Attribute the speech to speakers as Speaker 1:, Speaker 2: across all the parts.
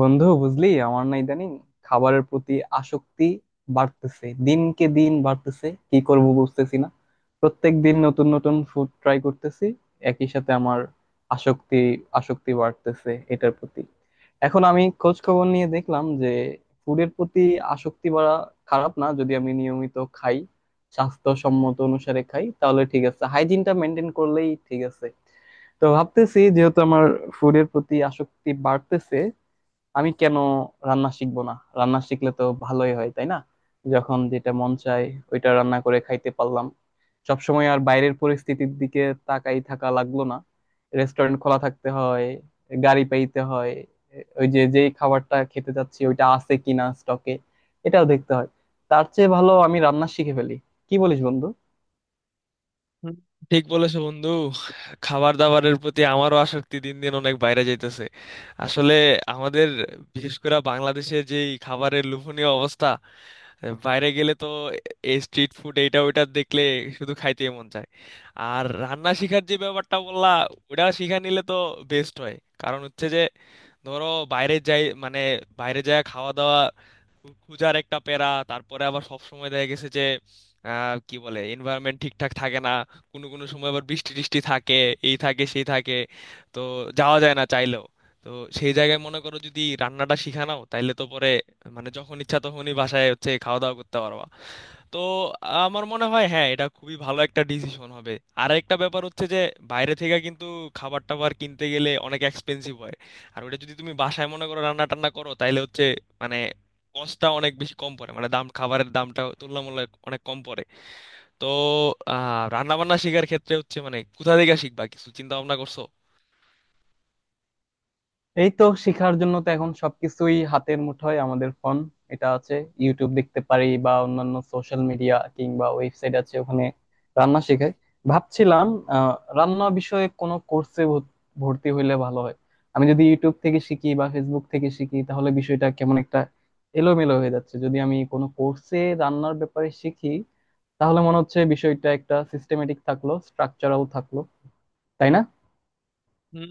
Speaker 1: বন্ধু, বুঝলি আমার না ইদানিং খাবারের প্রতি আসক্তি বাড়তেছে, দিনকে দিন বাড়তেছে, কি করব বুঝতেছি না। প্রত্যেক দিন নতুন নতুন ফুড ট্রাই করতেছি, একই সাথে আমার আসক্তি আসক্তি বাড়তেছে এটার প্রতি। এখন আমি খোঁজ খবর নিয়ে দেখলাম যে ফুডের প্রতি আসক্তি বাড়া খারাপ না, যদি আমি নিয়মিত খাই, স্বাস্থ্যসম্মত অনুসারে খাই, তাহলে ঠিক আছে। হাইজিনটা মেনটেন করলেই ঠিক আছে। তো ভাবতেছি, যেহেতু আমার ফুডের প্রতি আসক্তি বাড়তেছে, আমি কেন রান্না শিখবো না? রান্না শিখলে তো ভালোই হয়, তাই না? যখন যেটা মন চায় ওইটা রান্না করে খাইতে পারলাম, সবসময় আর বাইরের পরিস্থিতির দিকে তাকাই থাকা লাগলো না। রেস্টুরেন্ট খোলা থাকতে হয়, গাড়ি পাইতে হয়, ওই যে যেই খাবারটা খেতে যাচ্ছি ওইটা আছে কিনা স্টকে, এটাও দেখতে হয়। তার চেয়ে ভালো আমি রান্না শিখে ফেলি। কি বলিস বন্ধু?
Speaker 2: হুম, ঠিক বলেছো বন্ধু। খাবার দাবারের প্রতি আমারও আসক্তি দিন দিন অনেক বাইরে যাইতেছে। আসলে আমাদের বিশেষ করে বাংলাদেশে যে এই খাবারের লোভনীয় অবস্থা, বাইরে গেলে তো এই স্ট্রিট ফুড এইটা ওইটা দেখলে শুধু খাইতে মন চায়। আর রান্না শিখার যে ব্যাপারটা বললা ওটা শিখা নিলে তো বেস্ট হয়। কারণ হচ্ছে যে, ধরো, বাইরে যাই মানে বাইরে যাওয়া খাওয়া দাওয়া খুঁজার একটা প্যারা। তারপরে আবার সব সময় দেখা গেছে যে কি বলে এনভায়রনমেন্ট ঠিকঠাক থাকে না। কোনো কোনো সময় আবার বৃষ্টি টিষ্টি থাকে, এই থাকে সেই থাকে, তো যাওয়া যায় না চাইলেও। তো সেই জায়গায় মনে করো যদি রান্নাটা শিখা নাও তাইলে তো পরে মানে যখন ইচ্ছা তখনই বাসায় হচ্ছে খাওয়া দাওয়া করতে পারবা। তো আমার মনে হয় হ্যাঁ, এটা খুবই ভালো একটা ডিসিশন হবে। আর একটা ব্যাপার হচ্ছে যে, বাইরে থেকে কিন্তু খাবার টাবার কিনতে গেলে অনেক এক্সপেন্সিভ হয়। আর ওটা যদি তুমি বাসায় মনে করো রান্না টান্না করো তাহলে হচ্ছে মানে কষ্টটা অনেক বেশি কম পড়ে, মানে দাম খাবারের দামটা তুলনামূলক অনেক কম পড়ে। তো রান্না বান্না শেখার ক্ষেত্রে হচ্ছে মানে কোথা থেকে শিখবা, কিছু চিন্তা ভাবনা করছো?
Speaker 1: এই তো, শেখার জন্য তো এখন সবকিছুই হাতের মুঠোয়। আমাদের ফোন এটা আছে, ইউটিউব দেখতে পারি বা অন্যান্য সোশ্যাল মিডিয়া, কিংবা ওয়েবসাইট আছে, ওখানে রান্না শেখায়। ভাবছিলাম রান্না বিষয়ে কোনো কোর্সে ভর্তি হইলে ভালো হয়। আমি যদি ইউটিউব থেকে শিখি বা ফেসবুক থেকে শিখি, তাহলে বিষয়টা কেমন একটা এলোমেলো হয়ে যাচ্ছে। যদি আমি কোনো কোর্সে রান্নার ব্যাপারে শিখি, তাহলে মনে হচ্ছে বিষয়টা একটা সিস্টেমেটিক থাকলো, স্ট্রাকচারাল থাকলো। তাই না?
Speaker 2: হুম,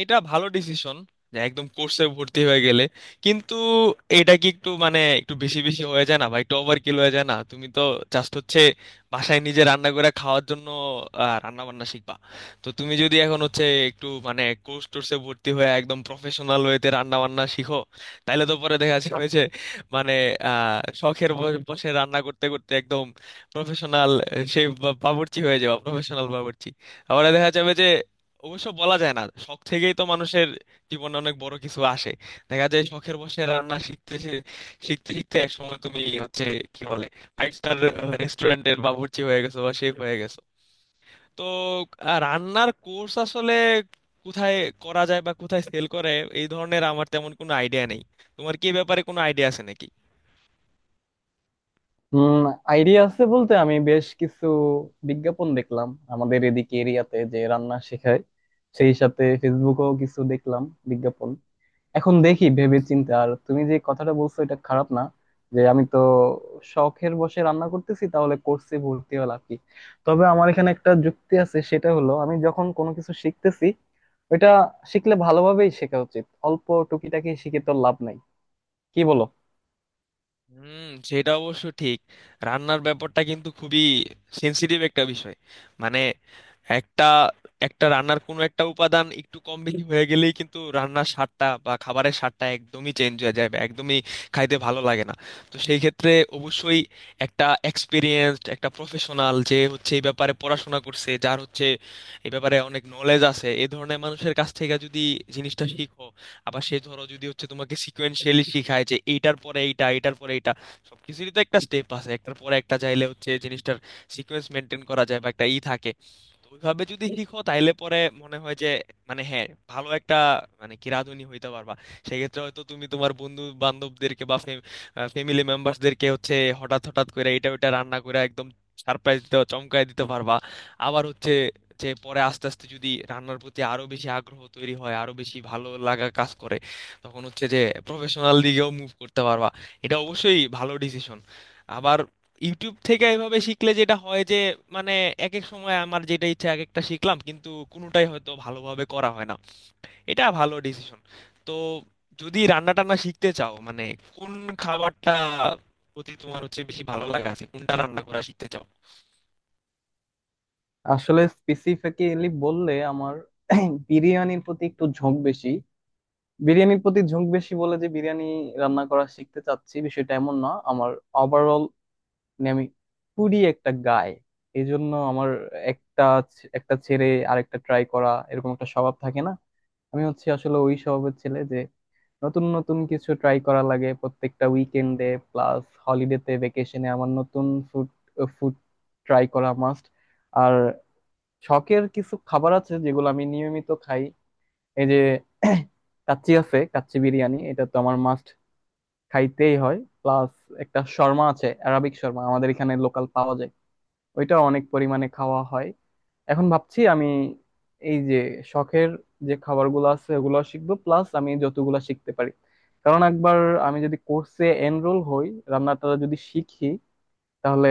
Speaker 2: এটা ভালো ডিসিশন যে একদম কোর্সে ভর্তি হয়ে গেলে। কিন্তু এটা কি একটু মানে একটু বেশি বেশি হয়ে যায় না ভাই, একটু ওভার কিল হয়ে যায় না? তুমি তো জাস্ট হচ্ছে বাসায় নিজে রান্না করে খাওয়ার জন্য রান্না বান্না শিখবা। তো তুমি যদি এখন হচ্ছে একটু মানে কোর্স টোর্সে ভর্তি হয়ে একদম প্রফেশনাল ওয়েতে রান্না বান্না শিখো তাহলে তো পরে দেখা যাবে যে মানে শখের বসে রান্না করতে করতে একদম প্রফেশনাল সে বাবুর্চি হয়ে যাবে, প্রফেশনাল বাবুর্চি। আবার দেখা যাবে যে, অবশ্য বলা যায় না, শখ থেকেই তো মানুষের জীবনে অনেক বড় কিছু আসে। দেখা যায় শখের বসে রান্না শিখতে শিখতে শিখতে এক সময় তুমি হচ্ছে কি বলে ফাইভ স্টার রেস্টুরেন্টের বাবুর্চি হয়ে গেছো বা শেফ হয়ে গেছো। তো রান্নার কোর্স আসলে কোথায় করা যায় বা কোথায় সেল করে এই ধরনের আমার তেমন কোনো আইডিয়া নেই। তোমার কি এ ব্যাপারে কোনো আইডিয়া আছে নাকি?
Speaker 1: হুম। আইডিয়া আছে বলতে, আমি বেশ কিছু বিজ্ঞাপন দেখলাম আমাদের এদিকে এরিয়াতে যে রান্না শেখায়। সেই সাথে ফেসবুকেও কিছু দেখলাম বিজ্ঞাপন। এখন দেখি ভেবে চিন্তে। আর তুমি যে কথাটা বলছো, এটা খারাপ না। যে আমি তো শখের বসে রান্না করতেছি, তাহলে কোর্সে ভর্তি হলাম কি? তবে আমার এখানে একটা যুক্তি আছে, সেটা হলো, আমি যখন কোনো কিছু শিখতেছি ওইটা শিখলে ভালোভাবেই শেখা উচিত। অল্প টুকিটাকি শিখে তো লাভ নাই। কি বলো?
Speaker 2: হুম, সেটা অবশ্য ঠিক। রান্নার ব্যাপারটা কিন্তু খুবই সেনসিটিভ একটা বিষয়। মানে একটা একটা রান্নার কোনো একটা উপাদান একটু কম বেশি হয়ে গেলেই কিন্তু রান্নার স্বাদটা বা খাবারের স্বাদটা একদমই চেঞ্জ হয়ে যায় বা একদমই খাইতে ভালো লাগে না। তো সেই ক্ষেত্রে অবশ্যই একটা এক্সপিরিয়েন্সড একটা প্রফেশনাল, যে হচ্ছে এই ব্যাপারে পড়াশোনা করছে, যার হচ্ছে এই ব্যাপারে অনেক নলেজ আছে, এই ধরনের মানুষের কাছ থেকে যদি জিনিসটা শিখো। আবার সে ধরো যদি হচ্ছে তোমাকে সিকোয়েন্সিয়ালি শিখায় যে এইটার পরে এইটা, এইটার পরে এইটা, সবকিছুরই তো একটা স্টেপ আছে, একটার পরে একটা, চাইলে হচ্ছে জিনিসটার সিকোয়েন্স মেনটেন করা যায় বা একটা ই থাকে। তো ওইভাবে যদি শিখো তাইলে পরে মনে হয় যে মানে হ্যাঁ, ভালো একটা মানে কি রাঁধুনি হইতে পারবা। সেক্ষেত্রে হয়তো তুমি তোমার বন্ধু বান্ধবদেরকে বা ফ্যামিলি মেম্বারসদেরকে হচ্ছে হঠাৎ হঠাৎ করে এটা ওইটা রান্না করে একদম সারপ্রাইজ দিতে, চমকায় দিতে পারবা। আবার হচ্ছে যে পরে আস্তে আস্তে যদি রান্নার প্রতি আরো বেশি আগ্রহ তৈরি হয়, আরো বেশি ভালো লাগা কাজ করে, তখন হচ্ছে যে প্রফেশনাল দিকেও মুভ করতে পারবা। এটা অবশ্যই ভালো ডিসিশন। আবার ইউটিউব থেকে এভাবে শিখলে যেটা হয় যে মানে এক এক সময় আমার যেটা ইচ্ছা এক একটা শিখলাম কিন্তু কোনোটাই হয়তো ভালোভাবে করা হয় না। এটা ভালো ডিসিশন। তো যদি রান্না টান্না শিখতে চাও মানে কোন খাবারটা প্রতি তোমার হচ্ছে বেশি ভালো লাগা আছে, কোনটা রান্না করা শিখতে চাও?
Speaker 1: আসলে স্পেসিফিক্যালি বললে আমার বিরিয়ানির প্রতি একটু ঝোঁক বেশি। বিরিয়ানির প্রতি ঝোঁক বেশি বলে যে বিরিয়ানি রান্না করা শিখতে চাচ্ছি, বিষয়টা এমন না। আমার ওভারঅল, মানে আমি পুরি একটা গায়। এই জন্য আমার একটা একটা ছেড়ে আরেকটা ট্রাই করা, এরকম একটা স্বভাব থাকে না। আমি হচ্ছে আসলে ওই স্বভাবের ছেলে, যে নতুন নতুন কিছু ট্রাই করা লাগে প্রত্যেকটা উইকেন্ডে। প্লাস হলিডেতে, ভেকেশনে, আমার নতুন ফুড ফুড ট্রাই করা মাস্ট। আর শখের কিছু খাবার আছে যেগুলো আমি নিয়মিত খাই। এই যে কাচ্চি আছে, কাচ্চি বিরিয়ানি, এটা তো আমার মাস্ট, খাইতেই হয়। প্লাস একটা শর্মা আছে, অ্যারাবিক শর্মা, আমাদের এখানে লোকাল পাওয়া যায়, ওইটা অনেক পরিমাণে খাওয়া হয়। এখন ভাবছি আমি, এই যে শখের যে খাবারগুলো আছে ওগুলো শিখবো, প্লাস আমি যতগুলো শিখতে পারি। কারণ একবার আমি যদি কোর্সে এনরোল হই, রান্নাটা যদি শিখি, তাহলে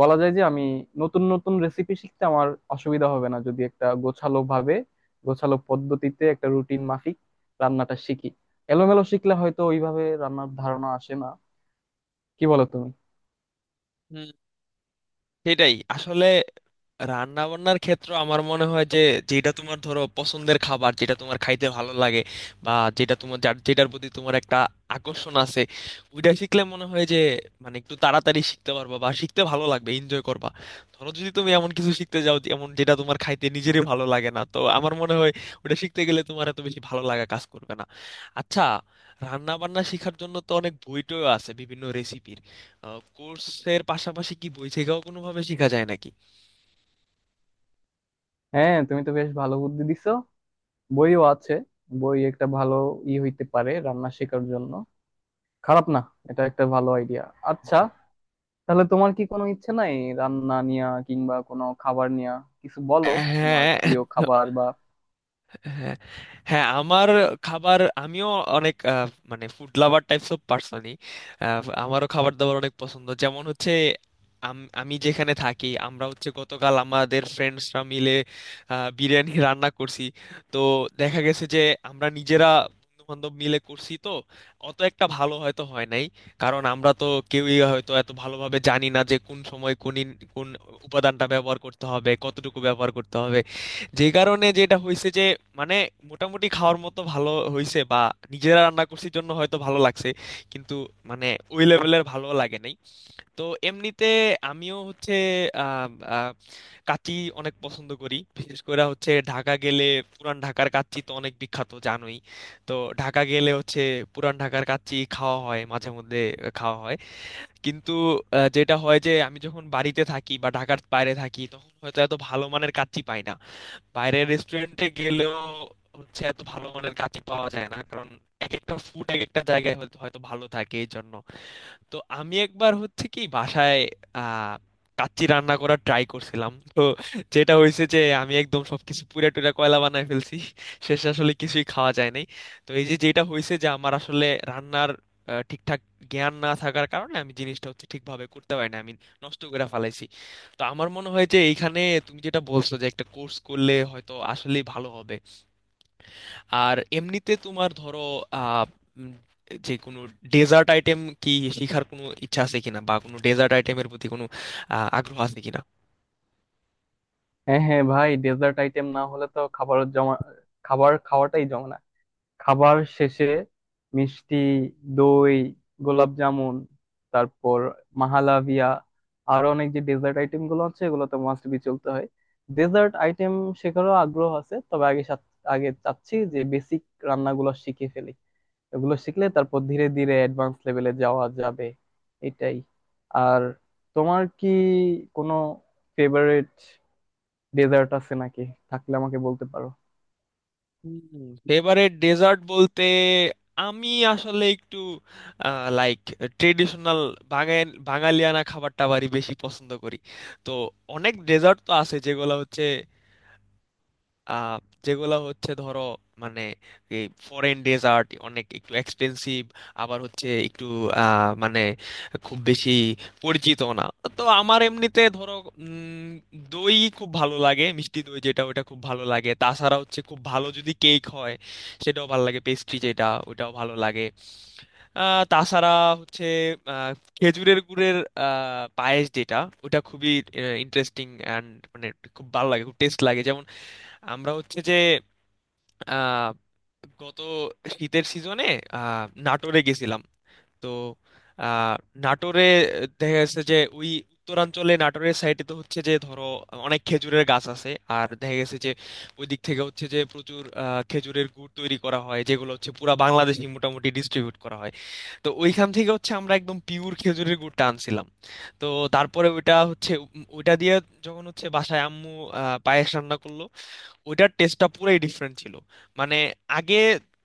Speaker 1: বলা যায় যে আমি নতুন নতুন রেসিপি শিখতে আমার অসুবিধা হবে না, যদি একটা গোছালো ভাবে, গোছালো পদ্ধতিতে, একটা রুটিন মাফিক রান্নাটা শিখি। এলোমেলো শিখলে হয়তো ওইভাবে রান্নার ধারণা আসে না। কি বলো তুমি?
Speaker 2: হুম, সেটাই আসলে। রান্না বান্নার ক্ষেত্রে আমার মনে হয় যে যেটা তোমার ধরো পছন্দের খাবার, যেটা তোমার খাইতে ভালো লাগে বা যেটা তোমার যেটার প্রতি তোমার একটা আকর্ষণ আছে, ওইটা শিখলে মনে হয় যে মানে একটু তাড়াতাড়ি শিখতে পারবা বা শিখতে ভালো লাগবে, এনজয় করবা। ধরো যদি তুমি এমন কিছু শিখতে যাও এমন যেটা তোমার খাইতে নিজেরই ভালো লাগে না, তো আমার মনে হয় ওটা শিখতে গেলে তোমার এত বেশি ভালো লাগা কাজ করবে না। আচ্ছা, রান্না বান্না শেখার জন্য তো অনেক বই টইও আছে বিভিন্ন রেসিপির। কোর্সের পাশাপাশি কি বই থেকেও কোনোভাবে শেখা যায় নাকি?
Speaker 1: হ্যাঁ, তুমি তো বেশ ভালো বুদ্ধি দিছো। বইও আছে, বই একটা ভালো ই হইতে পারে রান্না শেখার জন্য। খারাপ না, এটা একটা ভালো আইডিয়া। আচ্ছা, তাহলে তোমার কি কোনো ইচ্ছে নাই রান্না নিয়া, কিংবা কোনো খাবার নিয়া কিছু বলো। তোমার
Speaker 2: হ্যাঁ।
Speaker 1: প্রিয় খাবার বা?
Speaker 2: হ্যাঁ। হ্যাঁ, আমার খাবার, আমিও অনেক মানে ফুড লাভার টাইপস অফ পার্সনই। আমারও খাবার দাবার অনেক পছন্দ, যেমন হচ্ছে আমি যেখানে থাকি আমরা হচ্ছে গতকাল আমাদের ফ্রেন্ডসরা মিলে বিরিয়ানি রান্না করছি। তো দেখা গেছে যে আমরা নিজেরা বন্ধু বান্ধব মিলে করছি, তো অত একটা ভালো হয়তো হয় নাই। কারণ আমরা তো কেউই হয়তো এত ভালোভাবে জানি না যে কোন সময় কোন কোন উপাদানটা ব্যবহার করতে হবে, কতটুকু ব্যবহার করতে হবে। যে কারণে যেটা হয়েছে যে মানে মোটামুটি খাওয়ার মতো ভালো হয়েছে বা নিজেরা রান্না করছি জন্য হয়তো ভালো লাগছে, কিন্তু মানে ওই লেভেলের ভালো লাগে নাই। তো এমনিতে আমিও হচ্ছে আহ, আহ, কাচ্চি অনেক পছন্দ করি, বিশেষ করে হচ্ছে ঢাকা গেলে। পুরান ঢাকার কাচ্চি তো অনেক বিখ্যাত, জানোই। তো ঢাকা গেলে হচ্ছে পুরান ঢাকার কাচ্চি খাওয়া হয় মাঝে মধ্যে খাওয়া হয়। কিন্তু যেটা হয় যে আমি যখন বাড়িতে থাকি বা ঢাকার বাইরে থাকি তখন হয়তো এত ভালো মানের কাচ্চি পাই না। বাইরের রেস্টুরেন্টে গেলেও হচ্ছে এত ভালো মানের কাচ্চি পাওয়া যায় না, কারণ এক একটা ফুড এক একটা জায়গায় হয়তো হয়তো ভালো থাকে এই জন্য। তো আমি একবার হচ্ছে কি বাসায় আহ কাচ্চি রান্না করার ট্রাই করছিলাম, তো যেটা হয়েছে যে আমি একদম সবকিছু পুড়ে টুরে কয়লা বানায় ফেলছি। শেষে আসলে কিছুই খাওয়া যায় নাই। তো এই যে যেটা হয়েছে যে আমার আসলে রান্নার ঠিকঠাক জ্ঞান না থাকার কারণে আমি জিনিসটা হচ্ছে ঠিকভাবে করতে পারি না, আমি নষ্ট করে ফেলাইছি। তো আমার মনে হয় যে এইখানে তুমি যেটা বলছো যে একটা কোর্স করলে হয়তো আসলেই ভালো হবে। আর এমনিতে তোমার ধরো আহ উম, যে কোনো ডেজার্ট আইটেম কি শেখার কোনো ইচ্ছা আছে কিনা, বা কোনো ডেজার্ট আইটেমের প্রতি কোনো আগ্রহ আছে কিনা?
Speaker 1: হ্যাঁ হ্যাঁ ভাই, ডেজার্ট আইটেম না হলে তো খাবার জমা, খাবার খাওয়াটাই জমে না। খাবার শেষে মিষ্টি, দই, গোলাপ জামুন, তারপর মাহালাভিয়া, আরো অনেক যে ডেজার্ট আইটেম গুলো আছে, এগুলো তো মাস্ট বি চলতে হয়। ডেজার্ট আইটেম শেখারও আগ্রহ আছে, তবে আগে আগে চাচ্ছি যে বেসিক রান্নাগুলো শিখে ফেলি। এগুলো শিখলে তারপর ধীরে ধীরে অ্যাডভান্স লেভেলে যাওয়া যাবে। এটাই। আর তোমার কি কোনো ফেভারিট ডেজার্ট আছে নাকি? থাকলে আমাকে বলতে পারো।
Speaker 2: ফেভারিট ডেজার্ট বলতে, আমি আসলে একটু লাইক ট্রেডিশনাল বাঙালিয়ানা খাবার টাবারই বেশি পছন্দ করি। তো অনেক ডেজার্ট তো আছে যেগুলো হচ্ছে আহ, যেগুলো হচ্ছে ধরো মানে এই ফরেন ডেজার্ট অনেক একটু এক্সপেন্সিভ, আবার হচ্ছে একটু মানে খুব বেশি পরিচিত না। তো আমার এমনিতে ধরো উম, দই খুব ভালো লাগে, মিষ্টি দই যেটা ওটা খুব ভালো লাগে। তাছাড়া হচ্ছে খুব ভালো, যদি কেক হয় সেটাও ভালো লাগে, পেস্ট্রি যেটা ওটাও ভালো লাগে। তাছাড়া হচ্ছে আহ, খেজুরের গুড়ের পায়েস যেটা ওটা খুবই ইন্টারেস্টিং অ্যান্ড মানে খুব ভালো লাগে, খুব টেস্ট লাগে। আমরা হচ্ছে যে আহ, গত শীতের সিজনে নাটোরে গেছিলাম। তো আহ, নাটোরে দেখা গেছে যে ওই উত্তরাঞ্চলে, নাটোরের সাইডে তো হচ্ছে যে ধরো অনেক খেজুরের গাছ আছে। আর দেখা গেছে যে ওই দিক থেকে হচ্ছে যে প্রচুর খেজুরের গুড় তৈরি করা হয়, যেগুলো হচ্ছে পুরা বাংলাদেশে মোটামুটি ডিস্ট্রিবিউট করা হয়। তো ওইখান থেকে হচ্ছে আমরা একদম পিওর খেজুরের গুড়টা আনছিলাম। তো তারপরে ওইটা হচ্ছে ওইটা দিয়ে যখন হচ্ছে বাসায় আম্মু পায়েস রান্না করলো, ওইটার টেস্টটা পুরোই ডিফারেন্ট ছিল। মানে আগে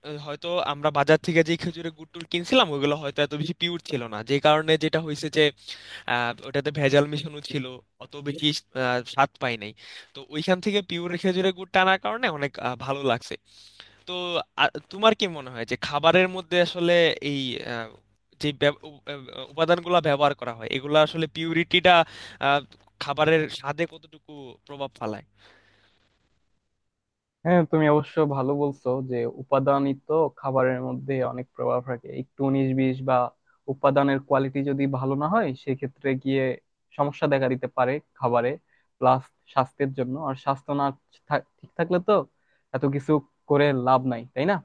Speaker 2: হয়তো আমরা বাজার থেকে যে খেজুরের গুড় টুর কিনছিলাম ওগুলো হয়তো এত বেশি পিওর ছিল না, যে কারণে যেটা হয়েছে যে ওটাতে ভেজাল মেশানো ছিল, অত বেশি স্বাদ পাই নাই। তো ওইখান থেকে পিওর খেজুরের গুড় টানার কারণে অনেক ভালো লাগছে। তো আ, তোমার কি মনে হয় যে খাবারের মধ্যে আসলে এই আহ, যে উপাদানগুলো ব্যবহার করা হয় এগুলো আসলে পিউরিটিটা খাবারের স্বাদে কতটুকু প্রভাব ফেলায়?
Speaker 1: হ্যাঁ, তুমি অবশ্য ভালো বলছো, যে উপাদানই তো খাবারের মধ্যে অনেক প্রভাব রাখে। একটু উনিশ বিশ বা উপাদানের কোয়ালিটি যদি ভালো না হয় সেক্ষেত্রে গিয়ে সমস্যা দেখা দিতে পারে খাবারে। প্লাস স্বাস্থ্যের জন্য, আর স্বাস্থ্য না ঠিক থাকলে তো এত কিছু করে লাভ নাই, তাই না?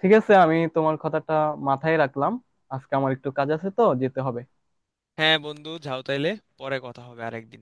Speaker 1: ঠিক আছে, আমি তোমার কথাটা মাথায় রাখলাম। আজকে আমার একটু কাজ আছে, তো যেতে হবে।
Speaker 2: হ্যাঁ বন্ধু, যাও তাইলে। পরে কথা হবে আরেকদিন।